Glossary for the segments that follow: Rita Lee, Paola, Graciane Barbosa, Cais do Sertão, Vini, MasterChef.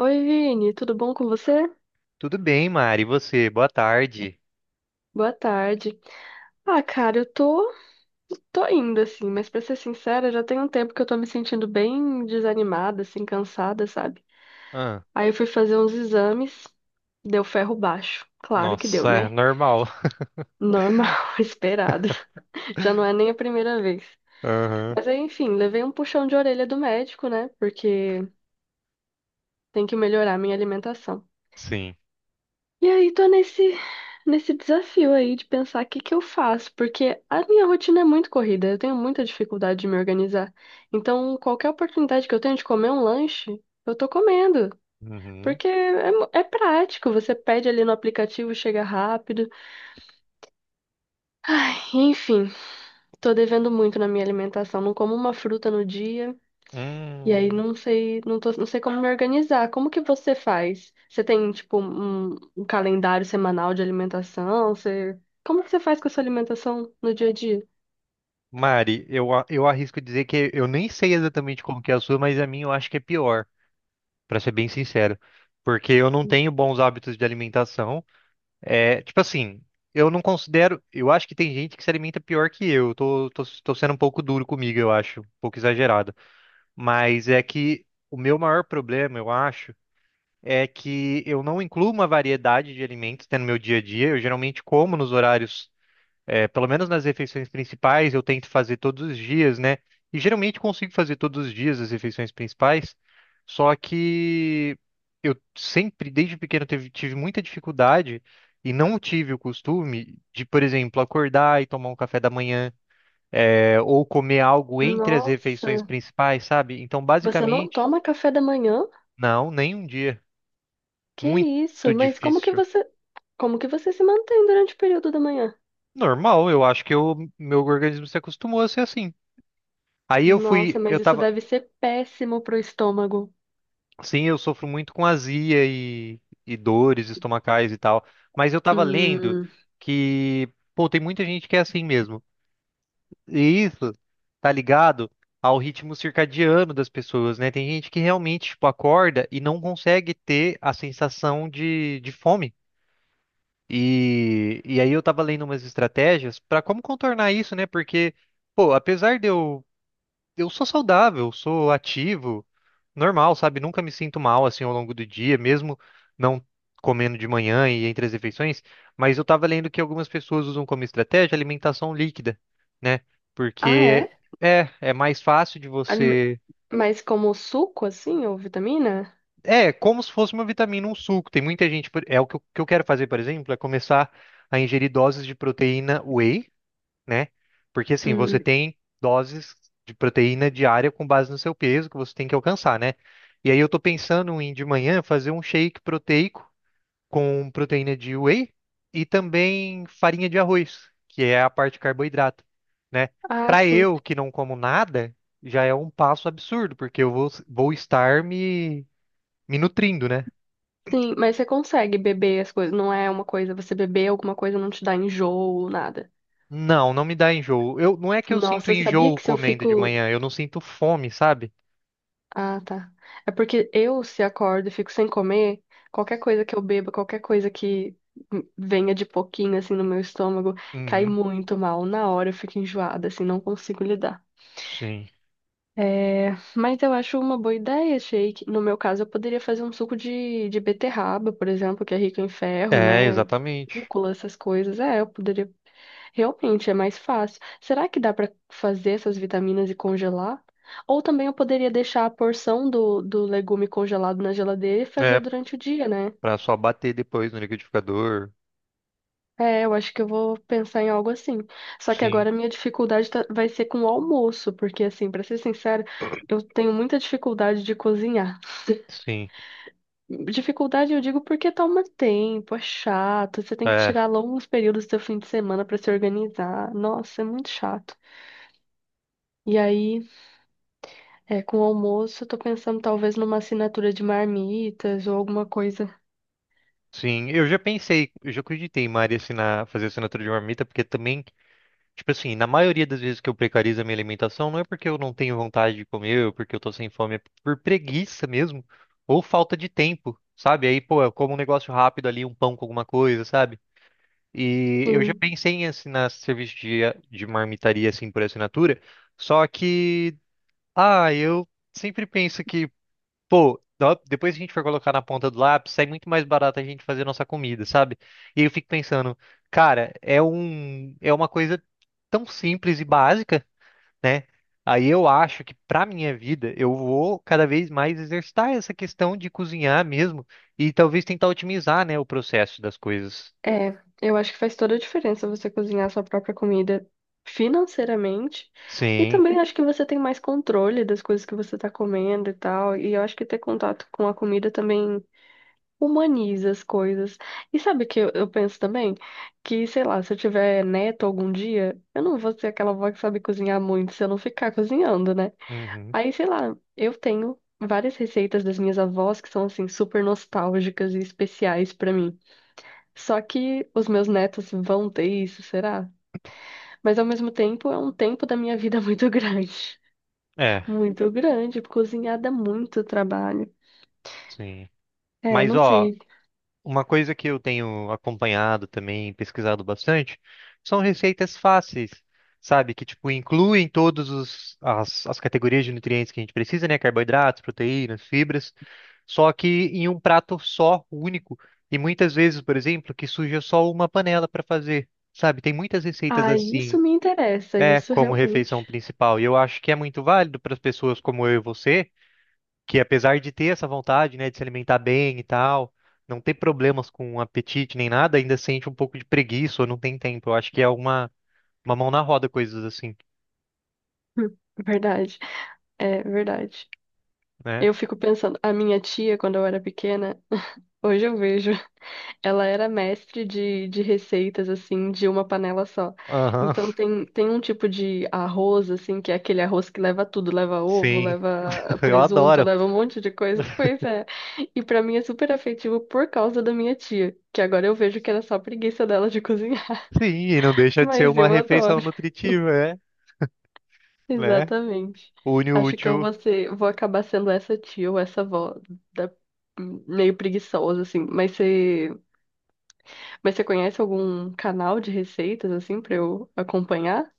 Oi, Vini, tudo bom com você? Tudo bem, Mari? E você? Boa tarde. Boa tarde. Ah, cara, eu tô indo assim, mas pra ser sincera, já tem um tempo que eu tô me sentindo bem desanimada, assim, cansada, sabe? Ah, Aí eu fui fazer uns exames, deu ferro baixo. Claro que deu, nossa, é né? normal. Normal, esperado. Já não é nem a primeira vez. Aham, Mas aí, enfim, levei um puxão de orelha do médico, né? Porque tem que melhorar a minha alimentação. sim. E aí tô nesse desafio aí de pensar o que que eu faço, porque a minha rotina é muito corrida, eu tenho muita dificuldade de me organizar. Então, qualquer oportunidade que eu tenho de comer um lanche, eu tô comendo, Uhum. porque é, é prático, você pede ali no aplicativo, chega rápido. Ai, enfim, tô devendo muito na minha alimentação, não como uma fruta no dia. E aí Hum. não sei, não tô, não sei como me organizar. Como que você faz? Você tem, tipo, um calendário semanal de alimentação? Você, como que você faz com a sua alimentação no dia a dia? Mari, eu arrisco dizer que eu nem sei exatamente como que é a sua, mas a minha eu acho que é pior, pra ser bem sincero. Porque eu não tenho bons hábitos de alimentação. Tipo assim, eu não considero. Eu acho que tem gente que se alimenta pior que eu. Eu Tô sendo um pouco duro comigo, eu acho, um pouco exagerado. Mas é que o meu maior problema, eu acho, é que eu não incluo uma variedade de alimentos, né, no meu dia a dia. Eu geralmente como nos horários, pelo menos nas refeições principais, eu tento fazer todos os dias, né? E geralmente consigo fazer todos os dias as refeições principais, só que eu sempre, desde pequeno, tive muita dificuldade e não tive o costume de, por exemplo, acordar e tomar um café da manhã, ou comer algo entre as refeições Nossa, principais, sabe? Então, você não basicamente, toma café da manhã? não, nem um dia. Que Muito isso? Mas difícil. Como que você se mantém durante o período da manhã? Normal, eu acho que o meu organismo se acostumou a ser assim. Aí eu fui, Nossa, eu mas isso tava, deve ser péssimo pro estômago. sim, eu sofro muito com azia e dores estomacais e tal, mas eu tava lendo Hum. que, pô, tem muita gente que é assim mesmo. E isso tá ligado ao ritmo circadiano das pessoas, né? Tem gente que realmente, tipo, acorda e não consegue ter a sensação de fome. E aí eu tava lendo umas estratégias pra como contornar isso, né? Porque, pô, apesar de eu sou saudável, sou ativo, normal, sabe? Nunca me sinto mal assim ao longo do dia, mesmo não comendo de manhã e entre as refeições. Mas eu tava lendo que algumas pessoas usam como estratégia alimentação líquida, né? Ah, Porque é? é, é mais fácil de Alime- você. Mas como suco, assim, ou vitamina? É, como se fosse uma vitamina, um suco. Tem muita gente. É o que eu quero fazer, por exemplo, é começar a ingerir doses de proteína whey, né? Porque assim, Hum. você tem doses de proteína diária com base no seu peso que você tem que alcançar, né? E aí eu tô pensando em de manhã fazer um shake proteico com proteína de whey e também farinha de arroz, que é a parte de carboidrato, né? Ah, Para sim. eu que não como nada, já é um passo absurdo, porque eu vou, vou estar me, me nutrindo, né? Sim, mas você consegue beber as coisas. Não é uma coisa, você beber alguma coisa não te dá enjoo, nada. Não, não me dá enjoo. Eu, não é que eu sinto Nossa, sabia enjoo que se eu comendo de fico. manhã, eu não sinto fome, sabe? Ah, tá. É porque eu, se acordo e fico sem comer, qualquer coisa que eu beba, qualquer coisa que venha de pouquinho, assim, no meu estômago, cai Uhum, muito mal. Na hora eu fico enjoada, assim, não consigo lidar. sim. É, mas eu acho uma boa ideia, shake. No meu caso, eu poderia fazer um suco de beterraba, por exemplo, que é rico em ferro, É, né? exatamente. Rúcula, essas coisas. É, eu poderia. Realmente, é mais fácil. Será que dá para fazer essas vitaminas e congelar? Ou também eu poderia deixar a porção do legume congelado na geladeira e É, fazer durante o dia, né? pra só bater depois no liquidificador. É, eu acho que eu vou pensar em algo assim. Só que Sim, agora a minha dificuldade vai ser com o almoço, porque assim, para ser sincera, eu tenho muita dificuldade de cozinhar. sim. Dificuldade eu digo porque toma tempo, é chato, você tem que É, tirar longos períodos do seu fim de semana pra se organizar. Nossa, é muito chato. E aí, é, com o almoço, eu tô pensando talvez numa assinatura de marmitas ou alguma coisa. sim. Eu já pensei, eu já acreditei, em Mari assinar, fazer assinatura de marmita, porque também, tipo assim, na maioria das vezes que eu precarizo a minha alimentação, não é porque eu não tenho vontade de comer, ou porque eu tô sem fome, é por preguiça mesmo, ou falta de tempo, sabe? Aí, pô, eu como um negócio rápido ali, um pão com alguma coisa, sabe? E eu já Sim. pensei em assinar serviço de marmitaria, assim, por assinatura, só que. Ah, eu sempre penso que, pô, dó- depois que a gente for colocar na ponta do lápis, sai muito mais barato a gente fazer nossa comida, sabe? E eu fico pensando, cara, é um, é uma coisa tão simples e básica, né? Aí eu acho que pra minha vida eu vou cada vez mais exercitar essa questão de cozinhar mesmo e talvez tentar otimizar, né, o processo das coisas. É, eu acho que faz toda a diferença você cozinhar a sua própria comida financeiramente. E Sim. também acho que você tem mais controle das coisas que você tá comendo e tal. E eu acho que ter contato com a comida também humaniza as coisas. E sabe o que eu penso também? Que, sei lá, se eu tiver neto algum dia, eu não vou ser aquela avó que sabe cozinhar muito se eu não ficar cozinhando, né? Uhum. Aí, sei lá, eu tenho várias receitas das minhas avós que são, assim, super nostálgicas e especiais pra mim. Só que os meus netos vão ter isso, será? Mas ao mesmo tempo é um tempo da minha vida muito grande. É, Muito grande, cozinhar dá muito trabalho. sim. É, Mas não ó, sei. uma coisa que eu tenho acompanhado também, pesquisado bastante, são receitas fáceis, sabe? Que, tipo, incluem todas as, as categorias de nutrientes que a gente precisa, né? Carboidratos, proteínas, fibras, só que em um prato só, único. E muitas vezes, por exemplo, que suja só uma panela para fazer, sabe? Tem muitas receitas Ah, isso assim, me interessa, é, isso como refeição realmente. principal. E eu acho que é muito válido para as pessoas como eu e você que, apesar de ter essa vontade, né, de se alimentar bem e tal, não ter problemas com apetite nem nada, ainda sente um pouco de preguiça ou não tem tempo. Eu acho que é uma mão na roda, coisas assim, Verdade, é verdade. né? Eu fico pensando, a minha tia, quando eu era pequena, hoje eu vejo, ela era mestre de receitas, assim, de uma panela só. Aham, Então tem um tipo de arroz, assim, que é aquele arroz que leva tudo, leva ovo, sim, leva eu presunto, adoro. leva um monte de coisa. Pois é. E pra mim é super afetivo por causa da minha tia, que agora eu vejo que era só preguiça dela de cozinhar, Sim, e não deixa de ser mas uma eu refeição adoro. nutritiva, é, né? Exatamente. Une o Acho que eu útil. vou ser, vou acabar sendo essa tia ou essa avó da- meio preguiçosa, assim. Mas você conhece algum canal de receitas, assim, pra eu acompanhar?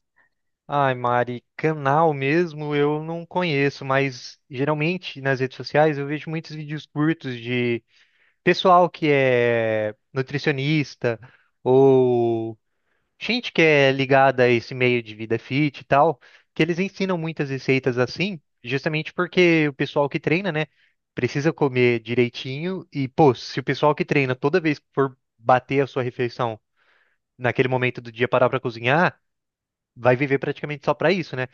Ai, Mari, canal mesmo eu não conheço, mas geralmente nas redes sociais eu vejo muitos vídeos curtos de pessoal que é nutricionista ou gente que é ligada a esse meio de vida fit e tal, que eles ensinam muitas receitas assim, justamente porque o pessoal que treina, né, precisa comer direitinho e, pô, se o pessoal que treina toda vez que for bater a sua refeição naquele momento do dia parar pra cozinhar, vai viver praticamente só pra isso, né?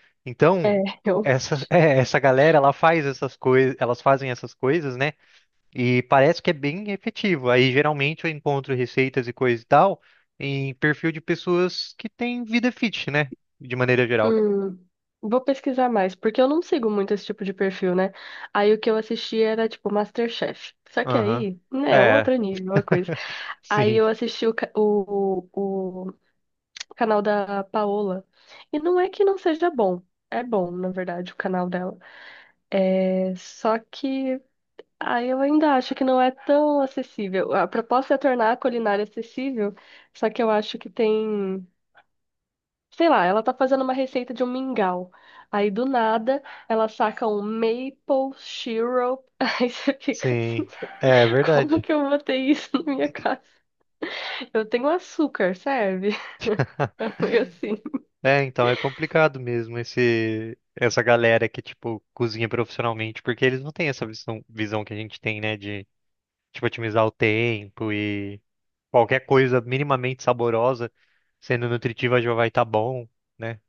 É, Então, eu. essa é, essa galera, ela faz essas coisas, elas fazem essas coisas, né? E parece que é bem efetivo. Aí geralmente eu encontro receitas e coisa e tal em perfil de pessoas que têm vida fit, né? De maneira geral. Hum, vou pesquisar mais, porque eu não sigo muito esse tipo de perfil, né? Aí o que eu assisti era, tipo, MasterChef. Só que Aham. aí, né, é um É, outro nível, uma coisa. Aí sim, eu assisti o canal da Paola. E não é que não seja bom. É bom, na verdade, o canal dela. Só que aí eu ainda acho que não é tão acessível. A proposta é tornar a culinária acessível, só que eu acho que tem, sei lá, ela tá fazendo uma receita de um mingau. Aí do nada ela saca um maple syrup. Aí você fica assim, sim. É como verdade. que eu botei isso na minha casa? Eu tenho açúcar, serve? Foi assim. É, então é complicado mesmo esse essa galera que tipo cozinha profissionalmente, porque eles não têm essa visão que a gente tem, né, de tipo otimizar o tempo e qualquer coisa minimamente saborosa, sendo nutritiva já vai estar bom, né?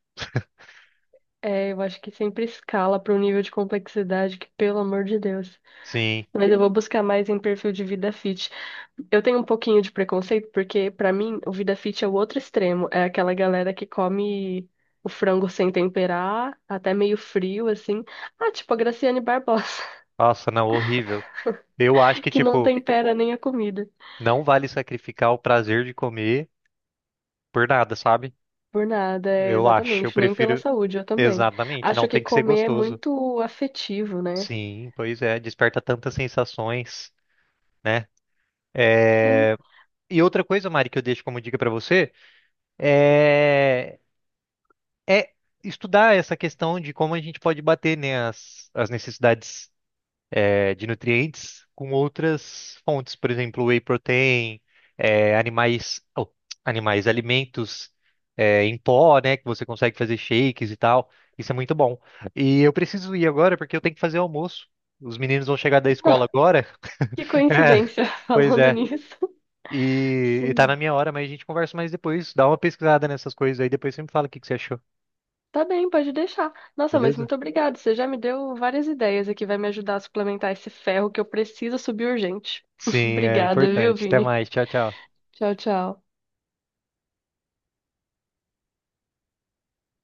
É, eu acho que sempre escala para um nível de complexidade que, pelo amor de Deus. Sim. Mas eu vou buscar mais em perfil de vida fit. Eu tenho um pouquinho de preconceito, porque pra mim o vida fit é o outro extremo. É aquela galera que come o frango sem temperar, até meio frio, assim. Ah, tipo a Graciane Barbosa, Nossa, não, horrível. Eu acho que, que não tipo, tempera nem a comida. não vale sacrificar o prazer de comer por nada, sabe? Por nada, é, Eu acho. Eu exatamente. Nem pela prefiro. saúde, eu também. Exatamente, não Acho que tem que ser comer é gostoso. muito afetivo, né? Sim, pois é, desperta tantas sensações, né? Sim. E outra coisa, Mari, que eu deixo como dica pra você é, é estudar essa questão de como a gente pode bater, né, as necessidades, é, de nutrientes com outras fontes, por exemplo, whey protein, é, animais, oh, animais, alimentos, é, em pó, né, que você consegue fazer shakes e tal. Isso é muito bom. E eu preciso ir agora porque eu tenho que fazer o almoço. Os meninos vão chegar da escola agora. Que É, coincidência, pois falando é. nisso. E tá na Sim. minha hora, mas a gente conversa mais depois. Dá uma pesquisada nessas coisas aí, depois você me fala o que que você achou, Tá bem, pode deixar. Nossa, mas beleza? muito obrigada. Você já me deu várias ideias aqui, vai me ajudar a suplementar esse ferro que eu preciso subir urgente. Sim, é Obrigada, viu, importante. Até Vini? mais. Tchau, tchau. Tchau, tchau.